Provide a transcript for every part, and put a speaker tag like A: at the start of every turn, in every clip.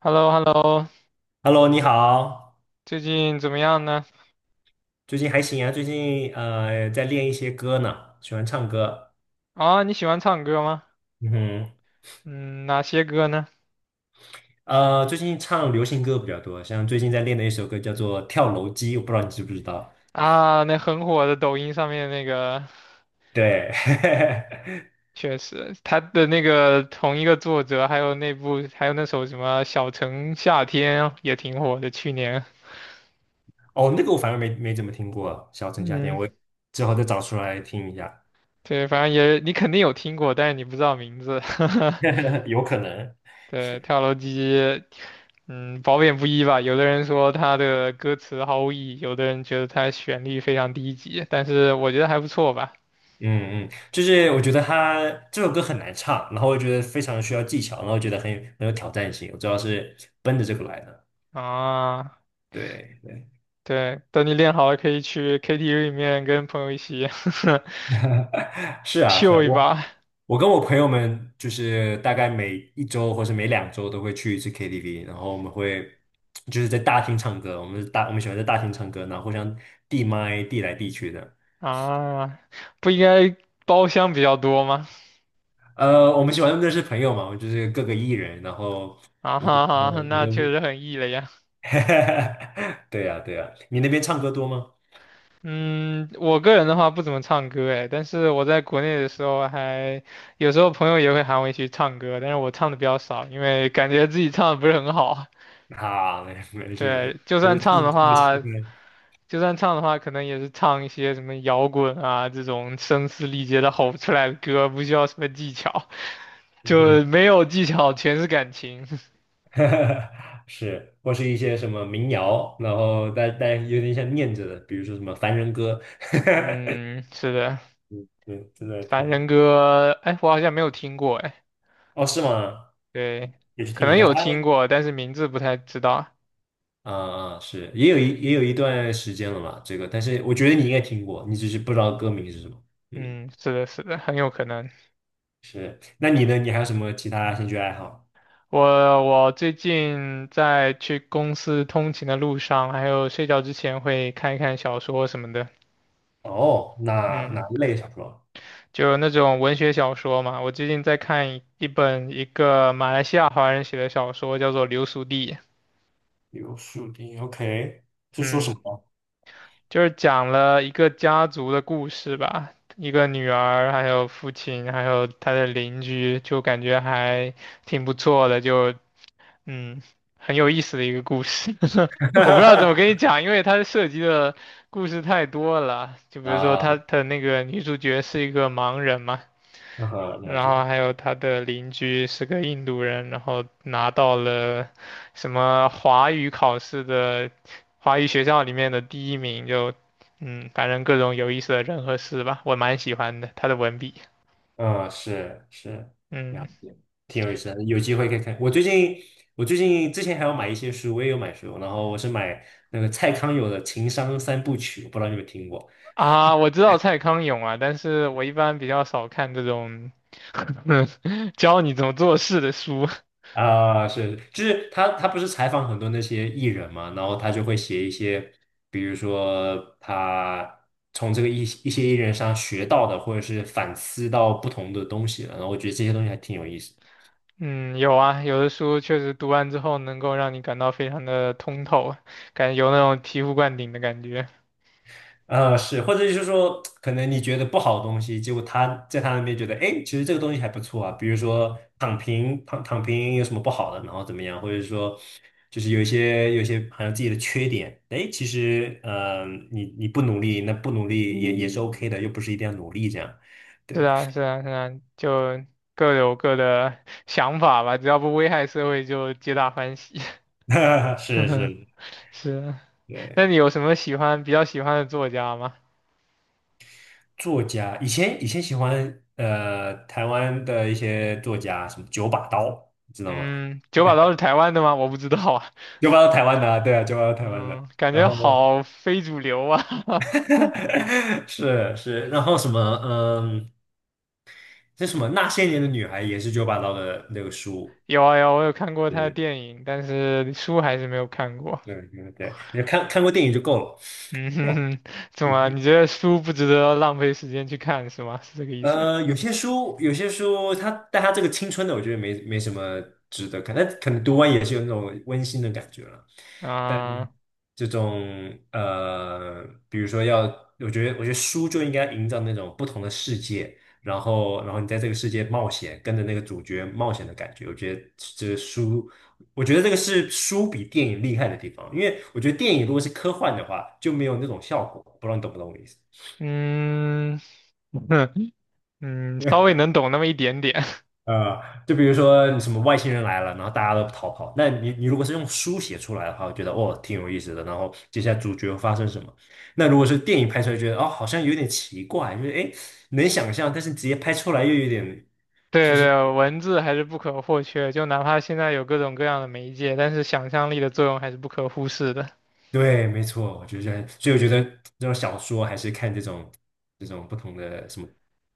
A: h e l l o h e l l o
B: Hello，你好，
A: 最近怎么样呢？
B: 最近还行啊，最近在练一些歌呢，喜欢唱歌。
A: 啊，你喜欢唱歌吗？
B: 嗯哼。
A: 嗯，哪些歌呢？
B: 最近唱流行歌比较多，像最近在练的一首歌叫做《跳楼机》，我不知道你知不知道。
A: 啊，那很火的抖音上面那个，
B: 对。
A: 确实，他的那个同一个作者，还有那部，还有那首什么《小城夏天》也挺火的，去年。
B: 哦，那个我反而没怎么听过，《小城夏天》，
A: 嗯，
B: 我之后再找出来听一下。
A: 对，反正也你肯定有听过，但是你不知道名字。
B: 有可能。
A: 对，跳楼机，嗯，褒贬不一吧。有的人说他的歌词毫无意义，有的人觉得他旋律非常低级，但是我觉得还不错吧。
B: 嗯嗯，就是我觉得他这首歌很难唱，然后我觉得非常需要技巧，然后觉得很有挑战性，我主要是奔着这个来的。
A: 啊，
B: 对对。
A: 对，等你练好了，可以去 KTV 里面跟朋友一起
B: 是 啊是啊，
A: 秀一
B: 我。
A: 把。
B: 我跟我朋友们就是大概每一周或是每两周都会去一次 KTV，然后我们会就是在大厅唱歌，我们喜欢在大厅唱歌，然后互相递麦递来递去的。
A: 啊！不应该包厢比较多吗？
B: 呃，我们喜欢认识朋友嘛，就是各个艺人，然后
A: 啊
B: 也就
A: 哈哈，
B: 有的，有
A: 那确
B: 的
A: 实很 E 了呀。
B: 对呀对呀，你那边唱歌多吗？
A: 嗯，我个人的话不怎么唱歌哎，但是我在国内的时候还有时候朋友也会喊我一起唱歌，但是我唱的比较少，因为感觉自己唱的不是很好。
B: 啊，没事没事，
A: 对，就
B: 我就
A: 算唱
B: 唱
A: 的
B: 唱个戏
A: 话，
B: 呗。
A: 就算唱的话，可能也是唱一些什么摇滚啊这种声嘶力竭的吼出来的歌，不需要什么技巧，
B: 嗯哼。
A: 就没有技巧，全是感情。
B: 是，或是一些什么民谣，然后但有点像念着的，比如说什么《凡人歌》。
A: 嗯，是的。
B: 对，真的
A: 凡
B: 挺好。
A: 人歌，哎，我好像没有听过，哎，
B: 哦，是吗？
A: 对，
B: 也去
A: 可
B: 听一
A: 能
B: 下他。
A: 有听过，但是名字不太知道。
B: 啊啊，是，也有一段时间了嘛，这个，但是我觉得你应该听过，你只是不知道歌名是什么。嗯，
A: 嗯，是的，是的，很有可能。
B: 是。那你呢？你还有什么其他兴趣爱好？
A: 我我最近在去公司通勤的路上，还有睡觉之前会看一看小说什么的。
B: 哦，哪
A: 嗯。
B: 哪一类小说？
A: 就那种文学小说嘛。我最近在看一本一个马来西亚华人写的小说，叫做《流俗地》。
B: 有树林，OK，是说什
A: 嗯，
B: 么？
A: 就是讲了一个家族的故事吧，一个女儿，还有父亲，还有他的邻居，就感觉还挺不错的，就嗯，很有意思的一个故事。我不知道怎么跟 你讲，因为它涉及的故事太多了。就比如说，他
B: 啊，
A: 的那个女主角是一个盲人嘛。
B: 嗯哼，了
A: 然后
B: 解。
A: 还有他的邻居是个印度人，然后拿到了什么华语考试的华语学校里面的第一名，就嗯，反正各种有意思的人和事吧，我蛮喜欢的，他的文笔，
B: 嗯，是是，了
A: 嗯。
B: 解，挺有意思的，有机会可以看。我最近之前还有买一些书，我也有买书，然后我是买那个蔡康永的《情商三部曲》，我不知道你有没有听过？
A: 啊，我知道蔡康永啊，但是我一般比较少看这种 教你怎么做事的书，
B: 啊？是，就是他不是采访很多那些艺人嘛，然后他就会写一些，比如说他从这个一些艺人上学到的，或者是反思到不同的东西了，然后我觉得这些东西还挺有意思的。
A: 嗯，有啊，有的书确实读完之后能够让你感到非常的通透，感觉有那种醍醐灌顶的感觉。
B: 是，或者就是说，可能你觉得不好的东西，结果他在他那边觉得，哎，其实这个东西还不错啊。比如说躺平，躺平有什么不好的，然后怎么样，或者说就是有一些好像自己的缺点，哎，其实你不努力，那不努力也是OK 的，又不是一定要努力这样。
A: 是
B: 对。
A: 啊，是啊，是啊，就各有各的 想法吧，只要不危害社会，就皆大欢喜。
B: 是 是，
A: 是啊，那
B: 对，
A: 你有什么喜欢比较喜欢的作家吗？
B: 作家以前喜欢台湾的一些作家，什么九把刀，你知道吗？
A: 嗯，九把刀是台湾的吗？我不知道啊。
B: 就搬到台湾的啊，对啊，就搬到台湾的。
A: 嗯，感
B: 然
A: 觉
B: 后
A: 好非主流啊。
B: 是是，然后什么，嗯，那什么《那些年的女孩》也是九把刀的那个书。
A: 有啊有啊我有看过
B: 对
A: 他的
B: 对
A: 电影，但是书还是没有看过。
B: 对对，对你看过电影就够了。
A: 嗯哼哼，怎么啊？你觉得书不值得浪费时间去看是吗？是这个意思？
B: 有些书它，但它这个青春的，我觉得没什么值得看。但可能读完也是有那种温馨的感觉了。但
A: 啊、
B: 这种比如说要，我觉得书就应该营造那种不同的世界，然后你在这个世界冒险，跟着那个主角冒险的感觉。这个书，我觉得这个是书比电影厉害的地方，因为我觉得电影如果是科幻的话，就没有那种效果。不知道你懂不懂我的意思？
A: 嗯，嗯，稍微能懂那么一点点。
B: 呃，就比如说你什么外星人来了，然后大家都逃跑。那你如果是用书写出来的话，我觉得哦挺有意思的。然后接下来主角会发生什么？那如果是电影拍出来，觉得哦好像有点奇怪，就是诶能想象，但是直接拍出来又有点，就
A: 对
B: 是
A: 对，文字还是不可或缺，就哪怕现在有各种各样的媒介，但是想象力的作用还是不可忽视的。
B: 对，没错，我觉得，所以我觉得这种小说还是看这种不同的什么，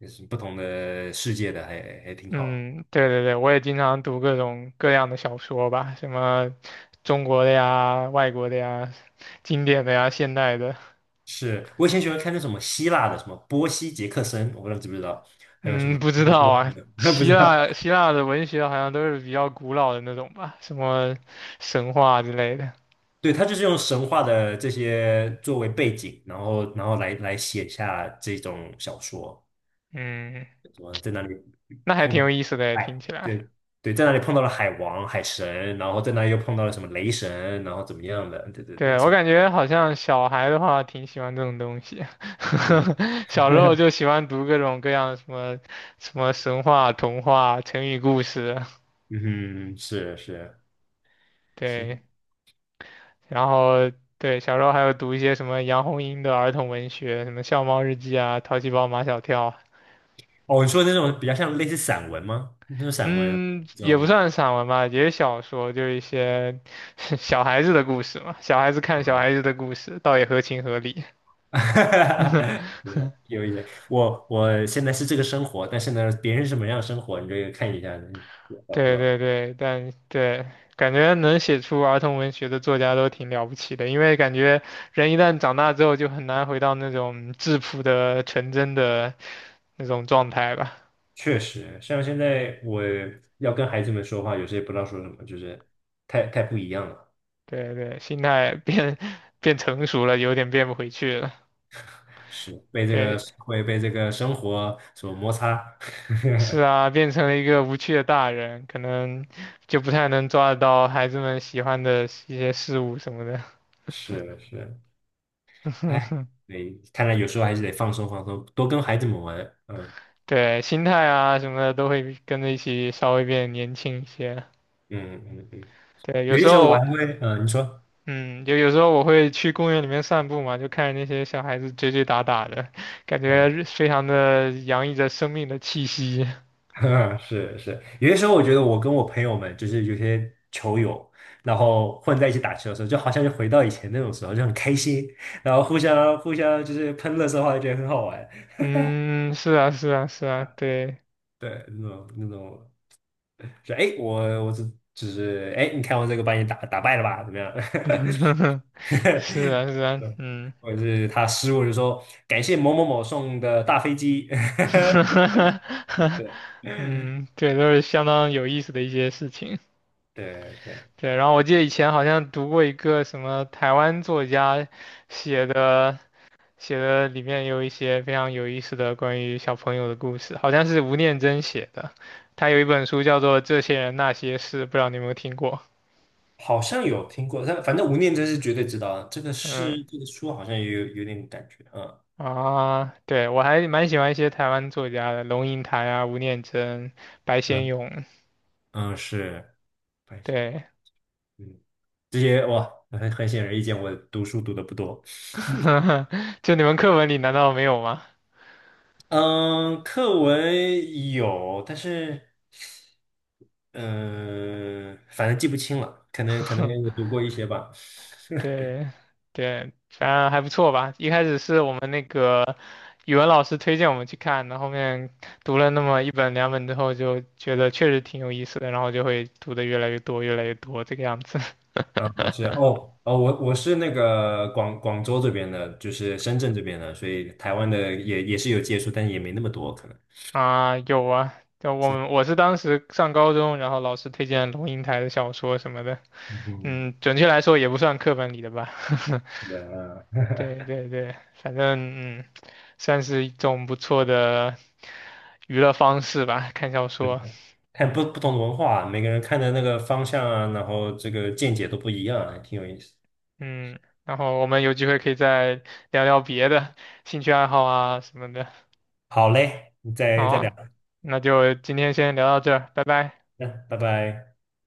B: 就是不同的世界的还挺好的。
A: 嗯，对对对，我也经常读各种各样的小说吧，什么中国的呀、外国的呀、经典的呀、现代的。
B: 是，我以前喜欢看那什么希腊的，什么波西·杰克森，我不知道你知不知道。还有什
A: 嗯，
B: 么
A: 不知
B: 波
A: 道
B: 波斯
A: 啊，
B: 的。不
A: 希
B: 知道。
A: 腊希腊的文学好像都是比较古老的那种吧，什么神话之类的。
B: 对，他就是用神话的这些作为背景，然后来写下这种小说，
A: 嗯，
B: 什么在哪里
A: 那还挺有意思的，听
B: 哎，
A: 起来。
B: 对对，在哪里碰到了海王、海神，然后在那里又碰到了什么雷神，然后怎么样的？对对对，
A: 对，我
B: 什么
A: 感觉好像小孩的话挺喜欢这种东西，
B: 对对对。
A: 小时候 就喜欢读各种各样什么神话、童话、成语故事，
B: 嗯哼，是是是，
A: 对，然后对小时候还有读一些什么杨红樱的儿童文学，什么《笑猫日记》啊，《淘气包马小跳》啊，
B: 哦，你说那种比较像类似散文吗？那种散文
A: 嗯，
B: 这
A: 也不
B: 种。
A: 算散文吧，也是小说，就是一些 小孩子的故事嘛，小孩子看小
B: 呃
A: 孩子的故事，倒也合情合理。
B: 哈哈哈，是有一点，我现在是这个生活，但是呢，别人是什么样的生活，你这个看一下，不
A: 对
B: 知道。
A: 对对，但对，感觉能写出儿童文学的作家都挺了不起的，因为感觉人一旦长大之后就很难回到那种质朴的、纯真的那种状态吧。
B: 确实，像现在我要跟孩子们说话，有时也不知道说什么，就是太不一样了，
A: 对对，心态变 变成熟了，有点变不回去了。
B: 是被这个
A: 对，
B: 社会、被这个生活所摩擦。
A: 是啊，变成了一个无趣的大人，可能就不太能抓得到孩子们喜欢的一些事物什么的。
B: 是是，哎，对，看来有时候还是得放松放松，多跟孩子们玩。嗯
A: 对，心态啊什么的都会跟着一起稍微变年轻一些。
B: 嗯嗯嗯嗯。
A: 对，有
B: 有
A: 时
B: 些时候我还
A: 候，
B: 会，你说。
A: 嗯，有时候我会去公园里面散步嘛，就看着那些小孩子追追打打的，感觉非常的洋溢着生命的气息。
B: 是是，有些时候我觉得我跟我朋友们就是有些球友，然后混在一起打球的时候，就好像就回到以前那种时候，就很开心，然后互相就是喷乐色话，就觉得很好玩。
A: 嗯，是啊，是啊，是啊，对，
B: 对，那种那种，就哎，诶我只是哎，诶你看我这个把你打败了吧？怎么样？
A: 是啊，是啊，
B: 对，
A: 嗯，
B: 或者是他失误就说感谢某某某送的大飞机。对
A: 嗯，对，都是相当有意思的一些事情。
B: 对对。
A: 对，然后我记得以前好像读过一个什么台湾作家写的。写的里面有一些非常有意思的关于小朋友的故事，好像是吴念真写的。他有一本书叫做《这些人那些事》，不知道你有没有听过？
B: 好像有听过，但反正吴念真是绝对知道的，这个
A: 嗯
B: 是这个书好像也有点感觉。嗯
A: 啊，对，我还蛮喜欢一些台湾作家的，龙应台啊、吴念真、白先
B: 嗯
A: 勇。
B: 嗯，是，还行。
A: 对，
B: 嗯，这些哇，很显而易见，我读书读的不多。
A: 就你们课文里难道没有吗？
B: 嗯，课文有，但是反正记不清了，可能有 读过一些吧。
A: 对对，反正还不错吧。一开始是我们那个语文老师推荐我们去看的，后面读了那么一本两本之后，就觉得确实挺有意思的，然后就会读的越来越多，越来越多这个样子。
B: 老是哦哦，我是那个广州这边的，就是深圳这边的，所以台湾的也是有接触，但也没那么多，可能。
A: 啊，有啊，就我
B: 是。
A: 们我是当时上高中，然后老师推荐龙应台的小说什么的，
B: 嗯，
A: 嗯，准确来说也不算课本里的吧。
B: 是的，啊。
A: 对 对对，反正嗯，算是一种不错的娱乐方式吧，看小
B: 对嗯
A: 说。
B: 对，看不同的文化啊，每个人看的那个方向啊，然后这个见解都不一样啊，还挺有意思。
A: 嗯，然后我们有机会可以再聊聊别的兴趣爱好啊什么的。
B: 好嘞，再
A: 好
B: 再聊，
A: 啊，那就今天先聊到这儿，拜拜。
B: 嗯，拜拜。